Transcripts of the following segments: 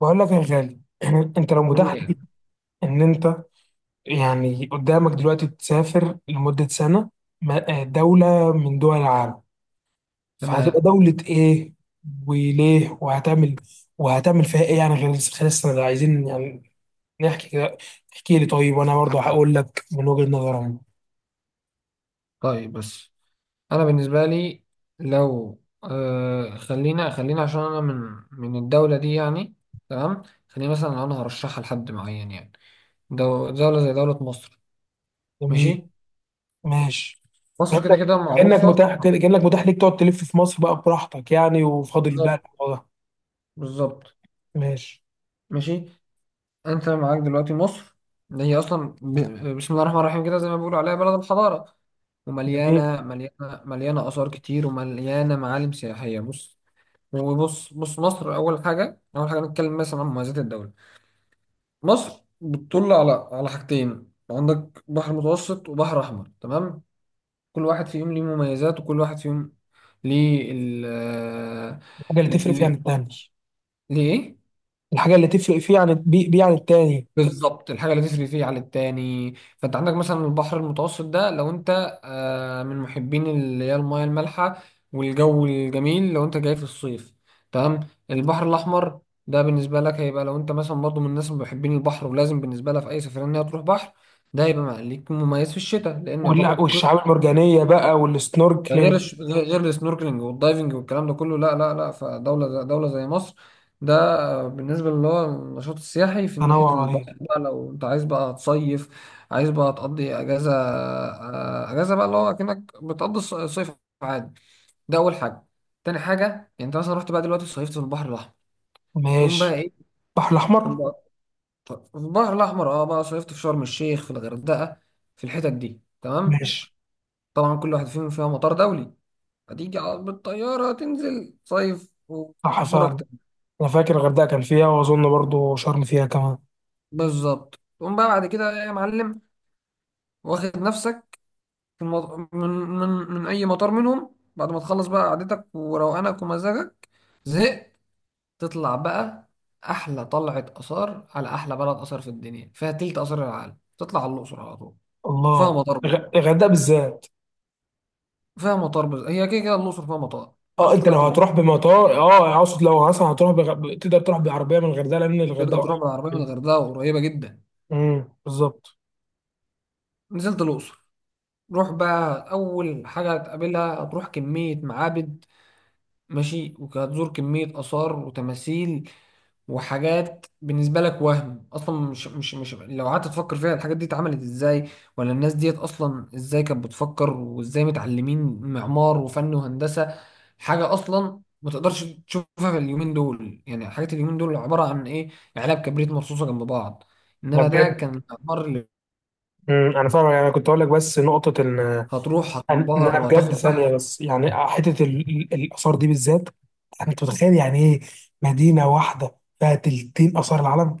بقول لك يا غالي انت لو متاح ليك مهم. ان انت يعني قدامك دلوقتي تسافر لمدة سنة، دولة من دول العالم، فهتبقى تمام، دولة ايه وليه؟ وهتعمل فيها ايه يعني غير خلال السنة دي؟ عايزين يعني نحكي كده. احكي لي طيب، وانا برضه هقول لك من وجهة نظري أنا. طيب بس انا بالنسبه لي لو خلينا عشان انا من الدوله دي، يعني تمام. خلينا مثلا لو انا هرشحها لحد معين، يعني دو دوله زي دوله مصر. جميل. ماشي، ماشي. مصر كده كأنك كده معروفه. كأنك متاح ليك تقعد تلف في مصر بقى براحتك يعني، وفاضل بقى بالظبط، الموضوع ده. بالظبط. ماشي. ماشي، انت معاك دلوقتي مصر، اللي هي اصلا بسم الله الرحمن الرحيم، كده زي ما بيقولوا عليها بلد الحضاره، جميل. ومليانه مليانه مليانه اثار كتير، ومليانه معالم سياحيه. بص، وبص مصر، اول حاجه نتكلم مثلا عن مميزات الدوله. مصر بتطل على حاجتين، عندك بحر متوسط وبحر احمر. تمام، كل واحد فيهم ليه مميزات، وكل واحد فيهم ليه ال الحاجة اللي تفرق فيها ليه عن التاني؟ ليه إيه؟ الحاجة اللي تفرق فيه عن بيه عن التاني؟ بالظبط، الحاجه اللي تسري فيه عن التاني. فانت عندك مثلا البحر المتوسط ده، لو انت من محبين اللي هي المياه المالحه والجو الجميل، لو انت جاي في الصيف. تمام، البحر الاحمر ده بالنسبه لك هيبقى لو انت مثلا برضه من الناس اللي محبين البحر، ولازم بالنسبه لها في اي سفريه ان هي تروح بحر. ده هيبقى ليك مميز في الشتاء، لان يعتبر والشعاب المرجانية بقى ده غير والسنوركلينج. غير السنوركلينج والدايفنج والكلام ده كله. لا لا لا، فدولة دولة زي مصر، ده بالنسبة اللي هو النشاط السياحي في ناحية تنوع رهيب. البحر بقى. لو انت عايز بقى تصيف، عايز بقى تقضي اجازة، اجازة بقى اللي هو اكنك بتقضي الصيف عادي. ده اول حاجة. تاني حاجة، يعني انت مثلا رحت بقى دلوقتي صيفت في البحر الاحمر، تقوم بقى ماشي. ايه؟ البحر تقوم الأحمر. بقى في البحر الاحمر اه، بقى صيفت في شرم الشيخ، في الغردقة، في الحتت دي. تمام، ماشي. طبعا كل واحد فيهم فيها مطار دولي، هتيجي على بالطيارة تنزل صيف صح وأمورك فعلا. تمام. أنا فاكر الغردقة كان فيها، وأظن برضو شرم فيها كمان. بالظبط، تقوم بقى بعد كده يا معلم، واخد نفسك في من أي مطار منهم، بعد ما تخلص بقى قعدتك وروقانك ومزاجك، زهقت، تطلع بقى أحلى طلعة آثار على أحلى بلد آثار في الدنيا، فيها تلت آثار العالم. تطلع على الأقصر على طول، فيها الله. مطار بقى، الغردقة بالذات. فيها مطار. بس هي كده كده الأقصر فيها مطار. اه، فأنت انت لو طلعت من هنا، هتروح بمطار، اقصد لو مثلا هتروح تقدر تروح بعربيه من الغردقه، لان الغردقه تقدر تروح بالعربية من قريبة. الغردقة، وقريبة جدا. بالظبط. نزلت الأقصر، روح بقى. أول حاجة هتقابلها، هتروح كمية معابد، ماشي، وهتزور كمية آثار وتماثيل وحاجات بالنسبة لك وهم. أصلا مش لو قعدت تفكر فيها الحاجات دي اتعملت إزاي، ولا الناس ديت أصلا إزاي كانت بتفكر، وإزاي متعلمين معمار وفن وهندسة. حاجة أصلا ما تقدرش تشوفها في اليومين دول، يعني حاجات اليومين دول عبارة عن إيه؟ علب كبريت مرصوصة جنب بعض، لا إنما ده بجد. كان المعمار اللي انا فاهم، يعني انا كنت اقول لك بس نقطه ان هتروح انا. هتنبهر أنا بجد وهتاخد ثانيه أحسن. بس، يعني حته الاثار دي بالذات. يعني انت متخيل يعني ايه مدينه واحده فيها تلتين اثار العالم؟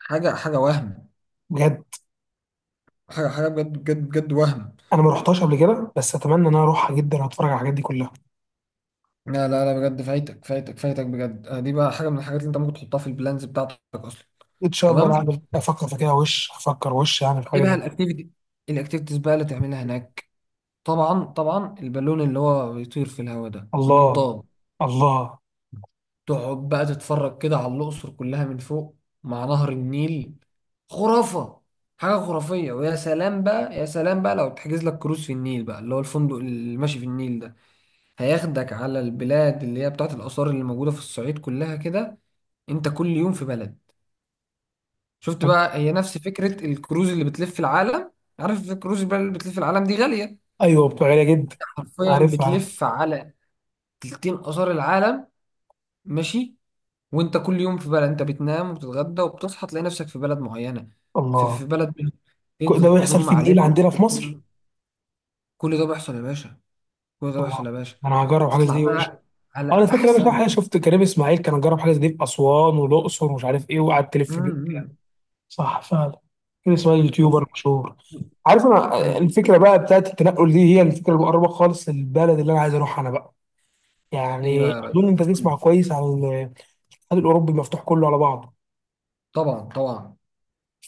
حاجة وهم، بجد. حاجة بجد، بجد وهم. انا ما رحتهاش قبل كده، بس اتمنى ان انا اروحها جدا واتفرج على الحاجات دي كلها. لا لا لا بجد، فايتك بجد. دي بقى حاجة من الحاجات اللي انت ممكن تحطها في البلانز بتاعتك اصلا. ان شاء الله، انا تمام، افكر في كده وش افكر، وش يعني في ايه حاجه بقى زي دي. الاكتيفيتي، الاكتيفيتيز بقى اللي تعملها هناك؟ طبعا البالون اللي هو بيطير في الهواء ده، الله. المنطاد، الله. تقعد بقى تتفرج كده على الأقصر كلها من فوق مع نهر النيل. خرافة، حاجة خرافية. ويا سلام بقى، يا سلام بقى لو تحجز لك كروز في النيل بقى، اللي هو الفندق اللي ماشي في النيل ده، هياخدك على البلاد اللي هي بتاعت الآثار اللي موجودة في الصعيد كلها كده. أنت كل يوم في بلد. شفت بقى، هي نفس فكرة الكروز اللي بتلف العالم. عارف الكروز بقى اللي بتلف العالم دي غالية، ايوه، بتبقى غاليه جدا. حرفيا عارف عارف. بتلف على تلتين آثار العالم. ماشي، وأنت كل يوم في بلد. أنت بتنام وبتتغدى وبتصحى تلاقي نفسك في بلد معينة، في الله، بلد منهم. كل ده تنزل تزور بيحصل في معالم. النيل عندنا في مصر. كل ده بيحصل يا باشا، كل ده بيحصل الله. يا باشا. انا هجرب حاجه زي تطلع دي وش. بقى أه، على انا فاكر، انا أحسن. شفت كريم اسماعيل كان جرب حاجه زي دي في اسوان والاقصر ومش عارف ايه، وقعد مم. تلف. مم. صح فعلا. كده اسمها تخ- يوتيوبر مشهور. عارف، انا مم. الفكره بقى بتاعت التنقل دي هي الفكره المقربه خالص للبلد اللي انا عايز اروحها انا بقى. ايه بقى يعني يا راجل؟ اظن انت تسمع كويس عن الاتحاد الاوروبي مفتوح كله على بعضه، طبعا طبعا،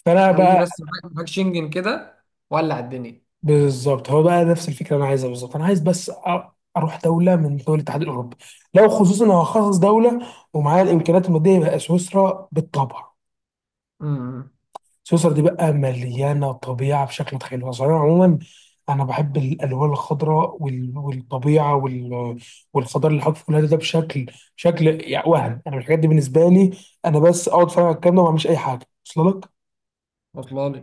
فانا خلي بقى. بس معاك شنجن كده، ولع الدنيا. بالظبط، هو بقى نفس الفكره اللي انا عايزها بالظبط، انا عايز بس اروح دوله من دول الاتحاد الاوروبي. لو خصوصا لو هخصص دوله، ومعايا الامكانيات الماديه، يبقى سويسرا بالطبع. امم، سويسرا دي بقى مليانة طبيعة بشكل متخيل صراحة عموما. أنا بحب الألوان الخضراء والطبيعة والخضار اللي حاطط في كل ده بشكل، شكل يعني وهم. أنا الحاجات دي بالنسبة لي، أنا بس أقعد أتفرج على الكلام ده وما أعملش أي حاجة. وصل لك؟ واصله لي.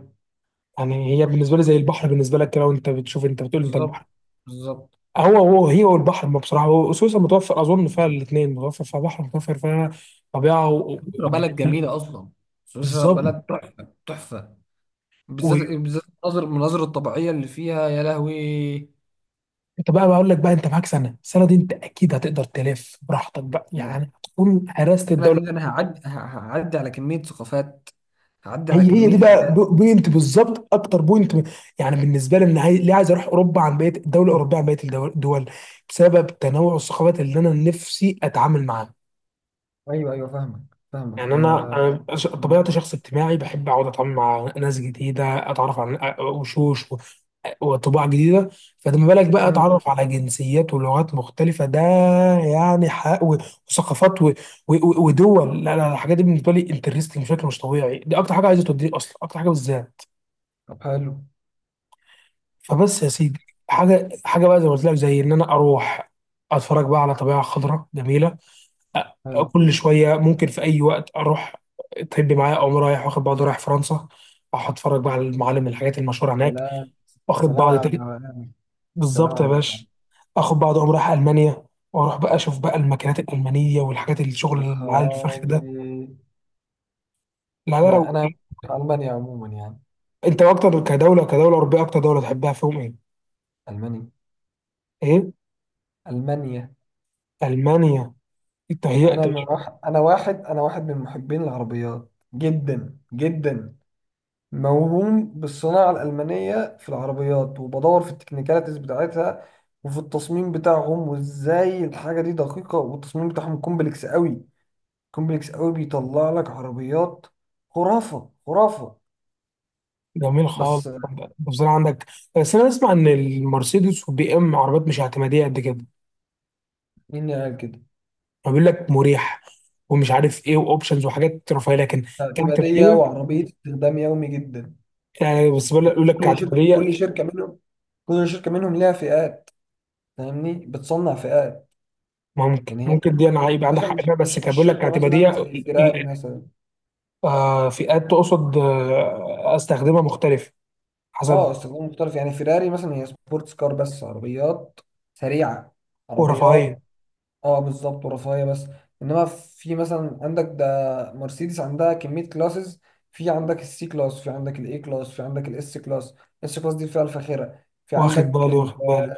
يعني هي بالنسبة لي زي البحر بالنسبة لك كده، وأنت بتشوف، أنت بتقول أنت البحر. بالظبط، بالظبط. هو هي، والبحر ما بصراحة، هو سويسرا متوفر أظن فيها الاثنين، متوفر فيها بحر، متوفر فيها طبيعة سويسرا بلد جميله اصلا، سويسرا بالظبط. بلد تحفه تحفه. بالذات، بالذات المناظر، المناظر الطبيعيه اللي فيها يا لهوي. انت بقى بقول لك بقى، انت معاك سنه، السنه دي انت اكيد هتقدر تلف براحتك بقى انا يعني، هتكون هرست أنا الدوله. دي ده انا هعدي، هعدي على كميه ثقافات، هعدي على هي كميه دي بقى حاجات. بوينت بالظبط، اكتر بوينت يعني بالنسبه لي، ليه عايز اروح اوروبا عن بقيه الدول بسبب تنوع الثقافات اللي انا نفسي اتعامل معاها. ايوه ايوه، فاهمك، فاهمك يعني ده. انا مم. طبيعتي شخص اجتماعي، بحب اقعد اتعامل مع ناس جديده، اتعرف على وشوش وطباع جديده. فلما بالك بقى مم. اتعرف على جنسيات ولغات مختلفه؟ ده يعني حق وثقافات ودول. لا لا لا، الحاجات دي بالنسبه لي انترستنج بشكل مش طبيعي، دي اكتر حاجه عايزه توديني اصلا، اكتر حاجه بالذات. طب حلو، فبس يا سيدي، حاجه حاجه بقى زي ما قلت لك، زي ان انا اروح اتفرج بقى على طبيعه خضراء جميله. حلو. كل شويه ممكن في اي وقت اروح، طب معايا اقوم رايح واخد بعض، رايح فرنسا اروح اتفرج بقى على المعالم، الحاجات المشهوره هناك. سلام، واخد سلام بعض على تاني. الروقان، سلام بالظبط يا على الروقان. باشا. اخد بعض اقوم رايح المانيا، واروح بقى اشوف بقى الماكينات الالمانيه والحاجات، الشغل يا العالي الفخر ده. خرابي، لا لا، لو انا في المانيا عموما يعني. انت اكتر كدوله اوروبيه، اكتر دوله تحبها فيهم ايه؟ المانيا، ايه؟ المانيا. المانيا. انت انا هيئت. من واحد انا واحد انا واحد من محبين العربيات جدا جدا، موهوم بالصناعه الالمانيه في العربيات، وبدور في التكنيكاليتيز بتاعتها وفي التصميم بتاعهم، وازاي الحاجه دي دقيقه، والتصميم بتاعهم كومبلكس قوي، كومبلكس قوي بيطلع لك عربيات خرافه، خرافه. جميل خالص. بس بصراحه عندك، بس انا اسمع ان المرسيدس والبي ام عربيات مش اعتماديه قد كده، مين اللي قال كده؟ وبيقول لك مريح، ومش عارف ايه، واوبشنز وحاجات رفاهيه، لكن اعتماديه كاعتماديه. وعربيه استخدام يومي جدا. يعني بس بقول لك، يقول لك كل شركه كل كاعتماديه. شركه منهم، كل شركه منهم ليها فئات. فاهمني، بتصنع فئات. ممكن يعني هي ممكن دي انا هيبقى عندك مثلا حق مش فيها، بس مش كان مش بيقول لك شركه كاعتماديه مثلا زي فيراري مثلا. آه، فئات تقصد؟ آه، استخدمها مختلف حسب. اه، استخدام مختلف. يعني فيراري مثلا هي سبورتس كار بس، عربيات سريعه، ورفاهيه. عربيات اه بالظبط، ورفاهيه بس. انما في مثلا عندك ده، مرسيدس عندها كميه كلاسز، في عندك السي كلاس، في عندك الاي كلاس، في عندك الاس كلاس. الاس كلاس دي الفئه الفاخره. في واخد عندك بالي واخد بالي.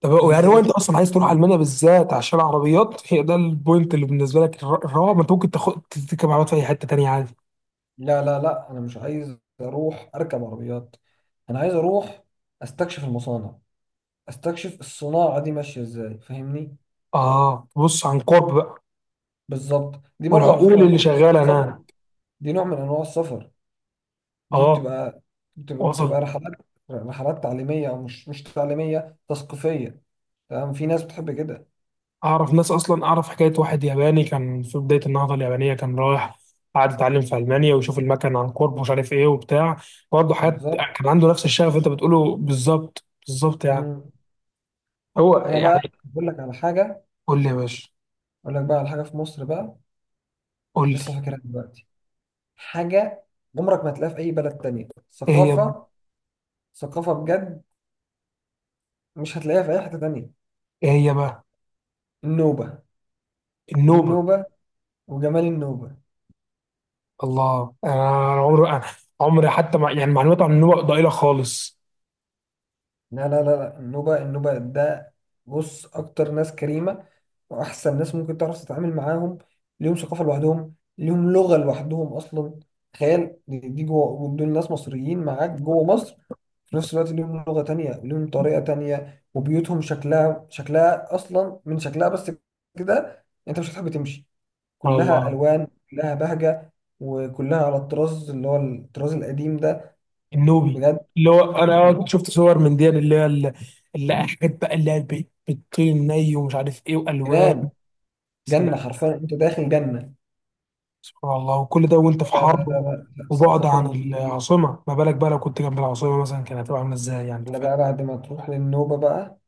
طب يعني هو الفئه. انت اصلا عايز تروح المانيا بالذات عشان العربيات، هي ده البوينت اللي بالنسبه لك الرابع، ما انت ممكن تاخد تركب عربيات في اي حته تانيه عادي. لا لا لا، انا مش عايز اروح اركب عربيات، انا عايز اروح استكشف المصانع، استكشف الصناعه دي ماشيه ازاي، فاهمني. اه، بص عن قرب بقى بالظبط، دي برضو على فكره والعقول نوع من اللي انواع شغاله السفر، هناك. دي نوع من انواع السفر. دي اه. بتبقى، بتبقى وصل. رحلات، رحلات تعليميه، او مش تعليميه، تثقيفيه. تمام، في ناس بتحب كده. اعرف ناس، اصلا اعرف حكايه واحد ياباني كان في بدايه النهضه اليابانيه كان رايح قعد يتعلم في المانيا ويشوف المكن عن قرب، ومش عارف ايه وبتاع، برضه حاجات. بالظبط. كان عنده نفس الشغف اللي انت بتقوله بالظبط بالظبط، يعني مم. هو انا بقى يعني. بقول لك على حاجه، قول لي يا باشا. اقول لك بقى على حاجه في مصر بقى، قول لي. لسه فاكرها دلوقتي. حاجه عمرك ما هتلاقيها في اي بلد تانية، ايه هي بقى؟ ثقافه، ثقافه بجد، مش هتلاقيها في اي حته تانية. ايه هي بقى؟ النوبه. النوبه. النوبه، وجمال النوبه. الله. أنا عمري حتى، مع يعني، معلومات عن النوبه ضئيله خالص. لا لا لا لا، النوبه، النوبه ده. بص، اكتر ناس كريمه، واحسن ناس ممكن تعرف تتعامل معاهم، ليهم ثقافه لوحدهم، ليهم لغه لوحدهم اصلا. تخيل، دي جوه دول ناس مصريين معاك جوه مصر، في نفس الوقت ليهم لغه تانية، ليهم طريقه تانية، وبيوتهم شكلها، شكلها اصلا من شكلها بس كده انت مش هتحب تمشي. سبحان كلها الله. الوان، كلها بهجه، وكلها على الطراز اللي هو الطراز القديم ده، النوبي. بجد اللي هو انا شفت صور من دي، اللي هي اللي حاجات بقى، اللي هي بتطير ني، ومش عارف ايه، والوان. جنان. جنه سلام. حرفيا، انت داخل جنه. سبحان الله، وكل ده وانت في لا لا حرب لا لا لا، وبعد الثقافه عن النوبيه دي العاصمه. ما بالك بقى لو كنت جنب العاصمه مثلا، كانت هتبقى عامله ازاي، يعني انت اللي فاهم. بقى بعد ما تروح للنوبه بقى،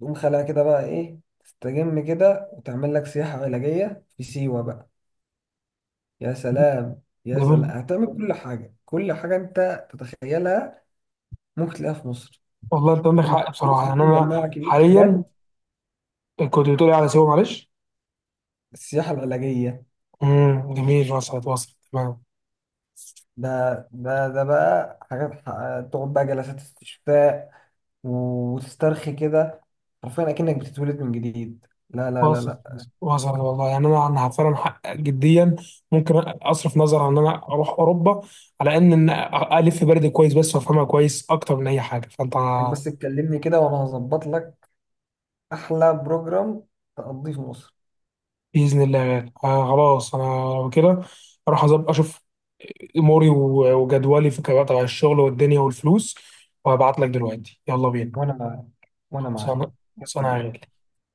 تقوم خلاها كده بقى ايه، تستجم كده وتعمل لك سياحه علاجيه في سيوه بقى. يا سلام، يا سلام، جميل. هتعمل كل حاجه، كل حاجه انت تتخيلها ممكن تلاقيها في مصر. والله انت عندك بالنسبة حق لي بصراحه، مصر دي يعني انا مجمعة كمية حاليا. حاجات، كنت بتقولي على سيوه معلش. السياحة العلاجية، جميل، وصلت وصلت تمام. ده ده بقى حاجات، تقعد بقى جلسات استشفاء وتسترخي كده، حرفيا اكنك بتتولد من جديد. لا لا لا وصلت لا، وصلت، والله يعني انا فعلا جديا، ممكن اصرف نظر عن ان انا اروح اوروبا، على ان الف بلدي كويس بس، وافهمها كويس اكتر من اي حاجه فانت. إنك بس تكلمني كده، وانا هظبط لك احلى بروجرام تقضيه في مصر. باذن الله. آه، خلاص انا كده اروح اشوف اموري وجدولي في كبقى تبع الشغل والدنيا والفلوس. وهبعت لك دلوقتي. يلا بينا. وانا معاك، وانا معاك، خلصانه يلا خلصانه يا بينا غالي.